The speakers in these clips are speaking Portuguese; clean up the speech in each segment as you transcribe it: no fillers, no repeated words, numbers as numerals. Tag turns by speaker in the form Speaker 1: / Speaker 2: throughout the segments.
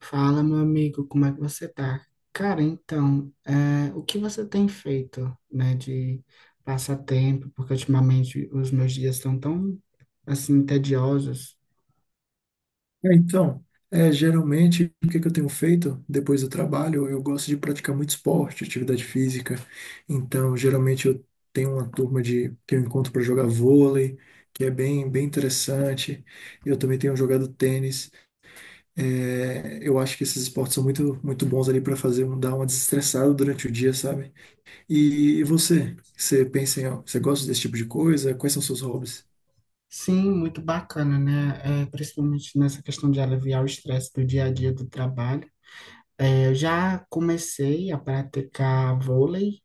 Speaker 1: Fala, meu amigo, como é que você tá? Cara, então, o que você tem feito, né, de passatempo? Porque ultimamente os meus dias estão tão, assim, tediosos.
Speaker 2: É, Então, geralmente, o que é que eu tenho feito depois do trabalho? Eu gosto de praticar muito esporte, atividade física. Então, geralmente, eu tenho uma turma de, que eu encontro para jogar vôlei, que é bem, bem interessante. Eu também tenho jogado tênis. Eu acho que esses esportes são muito, muito bons ali para fazer, dar uma desestressada durante o dia, sabe? E você? Você pensa em, você gosta desse tipo de coisa? Quais são seus hobbies?
Speaker 1: Sim, muito bacana, né? É, principalmente nessa questão de aliviar o estresse do dia a dia do trabalho. É, eu já comecei a praticar vôlei,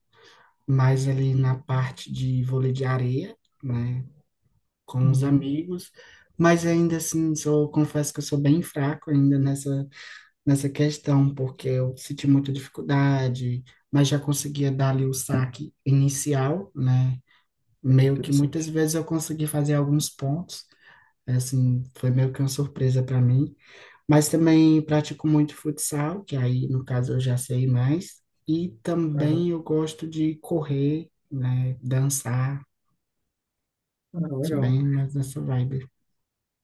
Speaker 1: mais ali na parte de vôlei de areia, né, com os
Speaker 2: Uhum,
Speaker 1: amigos. Mas ainda assim, confesso que eu sou bem fraco ainda nessa questão, porque eu senti muita dificuldade, mas já conseguia dar ali o saque inicial, né? Meio que muitas
Speaker 2: interessante.
Speaker 1: vezes eu consegui fazer alguns pontos, assim, foi meio que uma surpresa para mim. Mas também pratico muito futsal, que aí, no caso, eu já sei mais. E
Speaker 2: Aham.
Speaker 1: também eu gosto de correr, né? Dançar,
Speaker 2: Ah,
Speaker 1: sou
Speaker 2: legal.
Speaker 1: bem mais nessa vibe.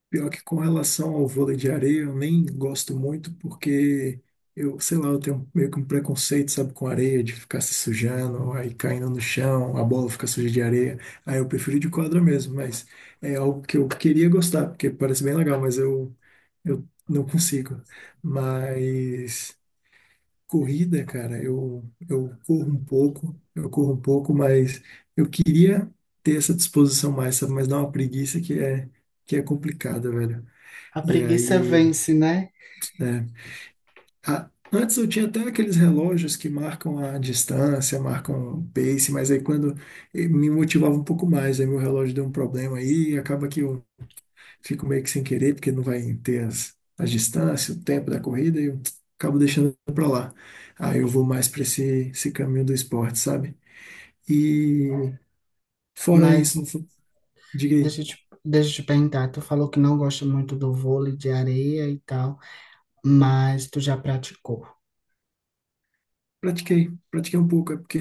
Speaker 2: Pior que com relação ao vôlei de areia, eu nem gosto muito porque eu, sei lá, eu tenho meio que um preconceito, sabe, com areia, de ficar se sujando, aí caindo no chão, a bola fica suja de areia. Aí eu prefiro de quadra mesmo, mas é algo que eu queria gostar, porque parece bem legal, mas eu não consigo. Mas corrida, cara, eu corro um pouco, eu corro um pouco, mas eu queria ter essa disposição mais, sabe, mas dá uma preguiça que é complicada, velho.
Speaker 1: A
Speaker 2: E
Speaker 1: preguiça
Speaker 2: aí,
Speaker 1: vence, né?
Speaker 2: é, antes eu tinha até aqueles relógios que marcam a distância, marcam o pace, mas aí quando me motivava um pouco mais, aí meu relógio deu um problema aí, e acaba que eu fico meio que sem querer, porque não vai ter as distâncias, o tempo da corrida, e eu acabo deixando pra lá. Aí eu vou mais pra esse caminho do esporte, sabe? E fora isso,
Speaker 1: Mas
Speaker 2: não fu- diga aí.
Speaker 1: Deixa eu te perguntar, tu falou que não gosta muito do vôlei de areia e tal, mas tu já praticou?
Speaker 2: Pratiquei, pratiquei um pouco, é porque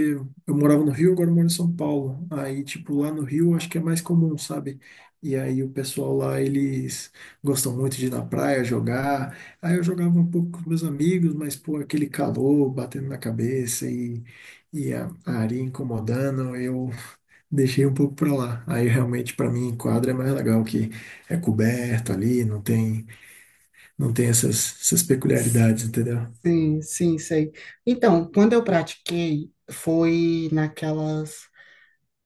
Speaker 2: eu morava no Rio, agora eu moro em São Paulo. Aí, tipo, lá no Rio acho que é mais comum, sabe? E aí o pessoal lá, eles gostam muito de ir na praia jogar. Aí eu jogava um pouco com meus amigos, mas, pô, aquele calor batendo na cabeça e a areia incomodando, eu deixei um pouco pra lá. Aí realmente, pra mim, quadra é mais legal, que é coberto ali, não tem, não tem essas peculiaridades, entendeu?
Speaker 1: Sim, sim, sei. Então, quando eu pratiquei, foi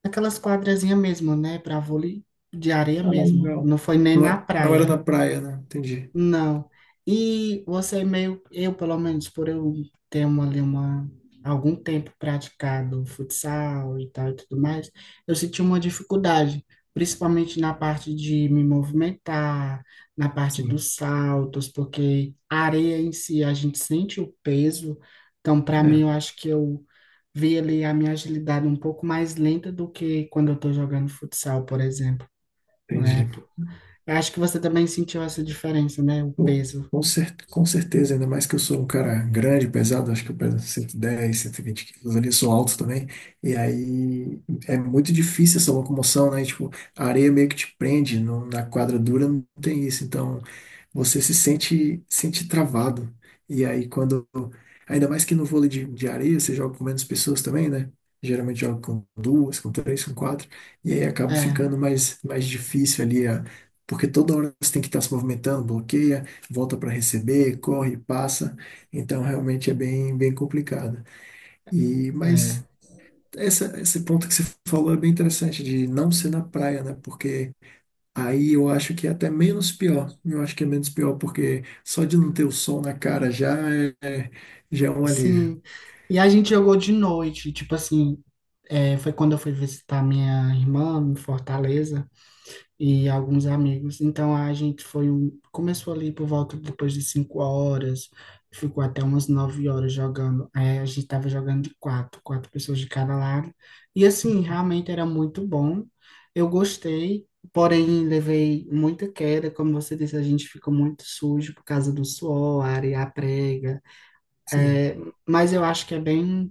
Speaker 1: naquelas quadrazinhas mesmo, né, para vôlei de areia
Speaker 2: Ah,
Speaker 1: mesmo.
Speaker 2: legal.
Speaker 1: Não foi nem
Speaker 2: Não,
Speaker 1: na
Speaker 2: não era na
Speaker 1: praia.
Speaker 2: praia, né? Entendi.
Speaker 1: Não. E você é meio, eu pelo menos, por eu ter uma, ali uma, algum tempo praticado futsal e tal e tudo mais, eu senti uma dificuldade, principalmente na parte de me movimentar, na parte
Speaker 2: Sim,
Speaker 1: dos saltos, porque a areia em si a gente sente o peso, então para mim
Speaker 2: é,
Speaker 1: eu acho que eu vi ali a minha agilidade um pouco mais lenta do que quando eu estou jogando futsal, por exemplo, né?
Speaker 2: entendi.
Speaker 1: Eu acho que você também sentiu essa diferença, né? O
Speaker 2: Pô,
Speaker 1: peso.
Speaker 2: com certeza, ainda mais que eu sou um cara grande, pesado, acho que eu peso cento e dez, 120 quilos ali, sou alto também. E aí é muito difícil essa locomoção, né? Tipo, a areia meio que te prende, na quadra dura não tem isso. Então, você se sente travado. E aí quando ainda mais que no vôlei de areia, você joga com menos pessoas também, né? Geralmente joga com duas, com três, com quatro, e aí acaba
Speaker 1: É,
Speaker 2: ficando mais difícil ali a Porque toda hora você tem que estar se movimentando, bloqueia, volta para receber, corre, passa. Então, realmente é bem, bem complicado. E,
Speaker 1: é,
Speaker 2: mas esse ponto que você falou é bem interessante, de não ser na praia, né? Porque Aí eu acho que é até menos pior. Eu acho que é menos pior, porque só de não ter o sol na cara já já é um alívio.
Speaker 1: sim. E a gente jogou de noite, tipo assim, foi quando eu fui visitar minha irmã em Fortaleza e alguns amigos. Então a gente foi, começou ali por volta depois de 5 horas, ficou até umas 9 horas jogando. É, a gente tava jogando de 4 pessoas de cada lado. E assim, realmente era muito bom. Eu gostei, porém levei muita queda, como você disse, a gente ficou muito sujo por causa do suor, a areia prega.
Speaker 2: Sim,
Speaker 1: É, mas eu acho que é bem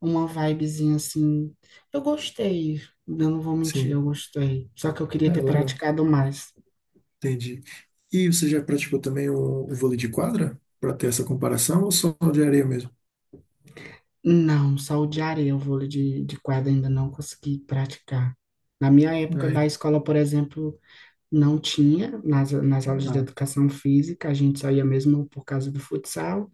Speaker 1: uma vibezinha assim. Eu gostei, eu não vou mentir,
Speaker 2: sim.
Speaker 1: eu gostei. Só que eu queria
Speaker 2: É
Speaker 1: ter
Speaker 2: legal.
Speaker 1: praticado mais.
Speaker 2: Entendi. E você já praticou também o vôlei de quadra? Para ter essa comparação ou só de areia mesmo?
Speaker 1: Não, só o de areia, o vôlei de quadra ainda não consegui praticar. Na minha época da
Speaker 2: Ah,
Speaker 1: escola, por exemplo, não tinha, nas aulas de
Speaker 2: tá.
Speaker 1: educação física, a gente só ia mesmo por causa do futsal.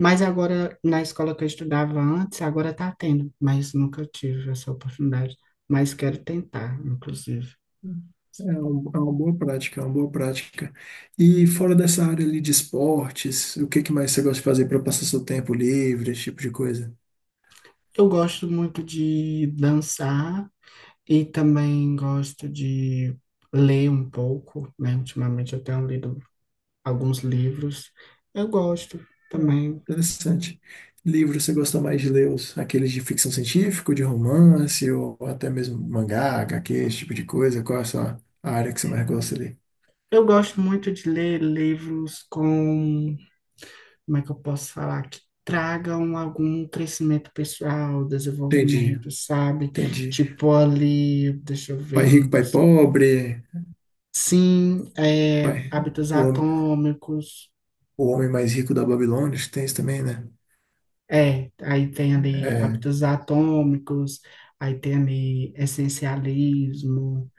Speaker 1: Mas agora, na escola que eu estudava antes, agora tá tendo, mas nunca tive essa oportunidade. Mas quero tentar, inclusive.
Speaker 2: É, é uma boa prática, é uma boa prática. E fora dessa área ali de esportes, o que que mais você gosta de fazer para passar seu tempo livre, esse tipo de coisa?
Speaker 1: Eu gosto muito de dançar e também gosto de ler um pouco, né? Ultimamente eu tenho lido alguns livros. Eu gosto
Speaker 2: Ah,
Speaker 1: também.
Speaker 2: interessante. Livros, você gosta mais de ler os, aqueles de ficção científica, de romance, ou até mesmo mangá, HQ, esse tipo de coisa? Qual é a sua área que você mais gosta de ler?
Speaker 1: Eu gosto muito de ler livros com, como é que eu posso falar, que tragam algum crescimento pessoal,
Speaker 2: Entendi,
Speaker 1: desenvolvimento, sabe?
Speaker 2: entendi.
Speaker 1: Tipo ali, deixa eu ver
Speaker 2: Pai
Speaker 1: um
Speaker 2: rico, pai
Speaker 1: dos.
Speaker 2: pobre,
Speaker 1: Sim, é,
Speaker 2: pai,
Speaker 1: Hábitos
Speaker 2: o,
Speaker 1: Atômicos.
Speaker 2: o homem mais rico da Babilônia, acho que tem isso também, né?
Speaker 1: É, aí tem ali
Speaker 2: É,
Speaker 1: hábitos atômicos, aí tem ali essencialismo,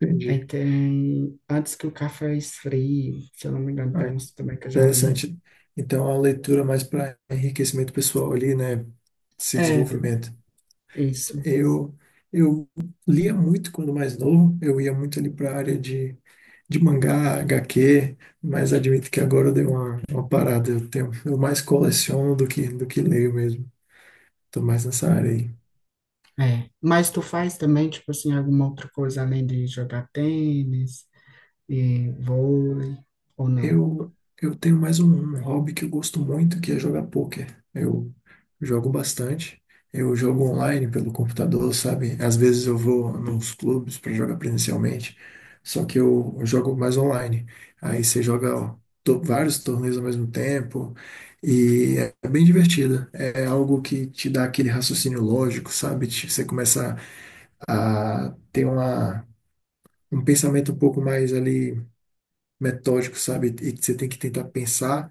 Speaker 2: entendi.
Speaker 1: aí tem Antes que o café esfrie, se eu não me engano, tem
Speaker 2: Ah,
Speaker 1: uns também que eu já li.
Speaker 2: interessante. Então, a leitura mais para enriquecimento pessoal ali, né? Esse
Speaker 1: É, d-
Speaker 2: desenvolvimento.
Speaker 1: isso.
Speaker 2: Eu, eu lia muito quando mais novo, eu ia muito ali para a área de mangá, HQ, mas admito que agora eu dei uma parada. Eu mais coleciono do que leio mesmo. Estou mais nessa área aí.
Speaker 1: É. Mas tu faz também, tipo assim, alguma outra coisa além de jogar tênis e vôlei, ou não?
Speaker 2: Eu, eu tenho mais um hobby que eu gosto muito, que é jogar pôquer. Eu jogo bastante. Eu jogo online pelo computador, sabe? Às vezes eu vou nos clubes para jogar presencialmente, só que eu jogo mais online. Aí você joga ó, vários torneios ao mesmo tempo e é bem divertido. É algo que te dá aquele raciocínio lógico, sabe? Você começa a ter um pensamento um pouco mais ali metódico, sabe? E você tem que tentar pensar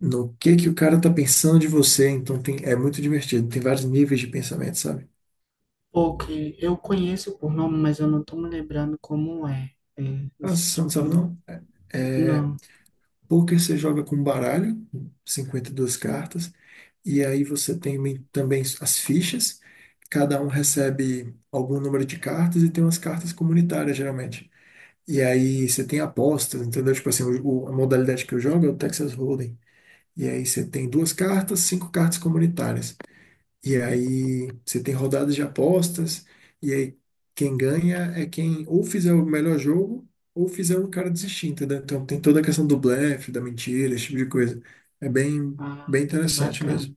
Speaker 2: no que o cara tá pensando de você. Então tem, é muito divertido. Tem vários níveis de pensamento, sabe?
Speaker 1: Ou que eu conheço por nome, mas eu não tô me lembrando como é. É,
Speaker 2: Ah,
Speaker 1: esse
Speaker 2: você
Speaker 1: tipo,
Speaker 2: não sabe
Speaker 1: de-
Speaker 2: não? É, é,
Speaker 1: não.
Speaker 2: poker você joga com baralho, 52 cartas, e aí você tem também as fichas. Cada um recebe algum número de cartas e tem umas cartas comunitárias, geralmente. E aí você tem apostas, entendeu? Tipo assim, a modalidade que eu jogo é o Texas Hold'em. E aí você tem duas cartas, cinco cartas comunitárias. E aí você tem rodadas de apostas, e aí quem ganha é quem ou fizer o melhor jogo ou fizer o cara desistir, entendeu? Então tem toda a questão do blefe, da mentira, esse tipo de coisa. É bem,
Speaker 1: Ah,
Speaker 2: bem interessante
Speaker 1: bacana.
Speaker 2: mesmo.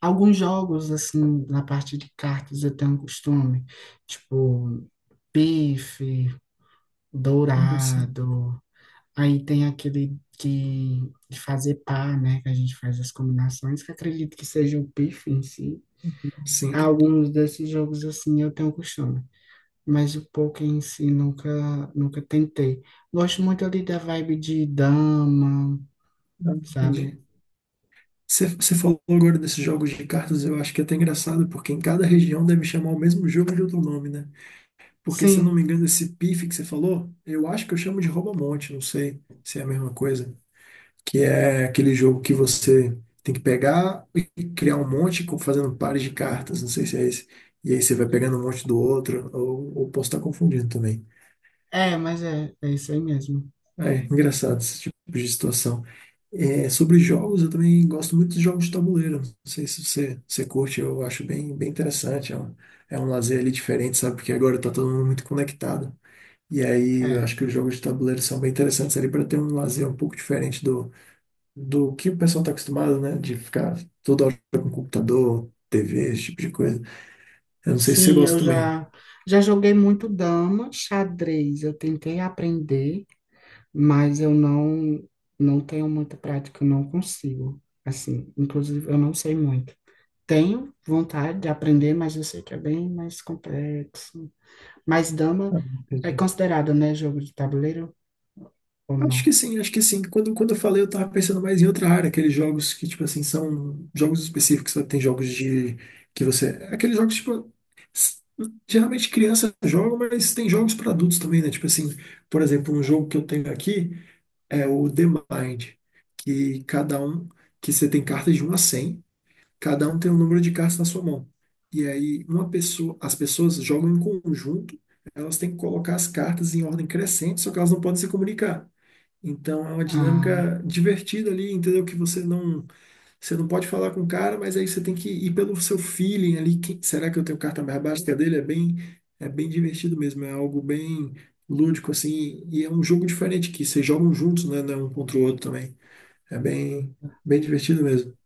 Speaker 1: Alguns jogos, assim, na parte de cartas eu tenho um costume, tipo, pife,
Speaker 2: Sim,
Speaker 1: dourado, aí tem aquele de fazer par, né, que a gente faz as combinações, que acredito que seja o pife em si.
Speaker 2: sim,
Speaker 1: Alguns desses jogos, assim, eu tenho um costume, mas o poker em si nunca, nunca tentei. Gosto muito ali da vibe de dama,
Speaker 2: Ah,
Speaker 1: sabe?
Speaker 2: entendi. Você falou agora desses jogos de cartas, eu acho que é até engraçado, porque em cada região deve chamar o mesmo jogo de outro nome, né? Porque se eu não
Speaker 1: Sim,
Speaker 2: me engano, esse pife que você falou, eu acho que eu chamo de rouba-monte, não sei se é a mesma coisa, que é aquele jogo que você tem que pegar e criar um monte, fazendo pares de cartas, não sei se é esse. E aí você vai pegando um monte do outro, ou posso estar confundindo também.
Speaker 1: é, mas é, é isso aí mesmo.
Speaker 2: É engraçado esse tipo de situação. É, sobre jogos, eu também gosto muito de jogos de tabuleiro. Não sei se você, você curte, eu acho bem, bem interessante. É um lazer ali diferente, sabe? Porque agora tá todo mundo muito conectado. E aí eu
Speaker 1: É.
Speaker 2: acho que os jogos de tabuleiro são bem interessantes ali para ter um lazer um pouco diferente do que o pessoal está acostumado, né? De ficar toda hora com computador, TV, esse tipo de coisa. Eu não sei se você
Speaker 1: Sim,
Speaker 2: gosta
Speaker 1: eu
Speaker 2: também.
Speaker 1: já joguei muito dama, xadrez. Eu tentei aprender, mas eu não tenho muita prática, eu não consigo. Assim, inclusive eu não sei muito. Tenho vontade de aprender, mas eu sei que é bem mais complexo. Mas dama
Speaker 2: Ah,
Speaker 1: é
Speaker 2: entendi.
Speaker 1: considerado, né, jogo de tabuleiro ou
Speaker 2: Acho que
Speaker 1: não?
Speaker 2: sim, acho que sim. Quando eu falei, eu tava pensando mais em outra área, aqueles jogos que, tipo assim, são jogos específicos, sabe? Tem jogos de que você. Aqueles jogos, tipo. s- Geralmente criança joga, mas tem jogos para adultos também, né? Tipo assim, por exemplo, um jogo que eu tenho aqui é o The Mind, que cada um, que você tem cartas de 1 a 100, cada um tem um número de cartas na sua mão. E aí, uma pessoa, as pessoas jogam em conjunto, elas têm que colocar as cartas em ordem crescente, só que elas não podem se comunicar. Então, é uma
Speaker 1: Ah,
Speaker 2: dinâmica divertida ali, entendeu? Que você não pode falar com o cara, mas aí você tem que ir pelo seu feeling ali. Será que eu tenho carta mais baixa que a dele? É bem divertido mesmo, é algo bem lúdico, assim. E é um jogo diferente, que vocês jogam juntos, né? Não é um contra o outro também. É bem, bem divertido mesmo.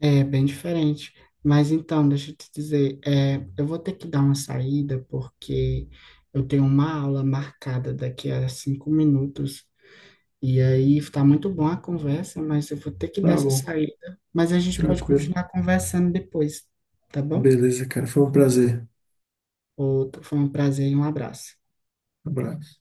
Speaker 1: é bem diferente. Mas então, deixa eu te dizer, é, eu vou ter que dar uma saída porque eu tenho uma aula marcada daqui a 5 minutos. E aí está muito bom a conversa, mas eu vou ter que dar
Speaker 2: Tá
Speaker 1: essa
Speaker 2: bom,
Speaker 1: saída. Mas a gente pode
Speaker 2: tranquilo.
Speaker 1: continuar conversando depois, tá bom?
Speaker 2: Beleza, cara. Foi um prazer.
Speaker 1: Outro, foi um prazer e um abraço.
Speaker 2: Um abraço.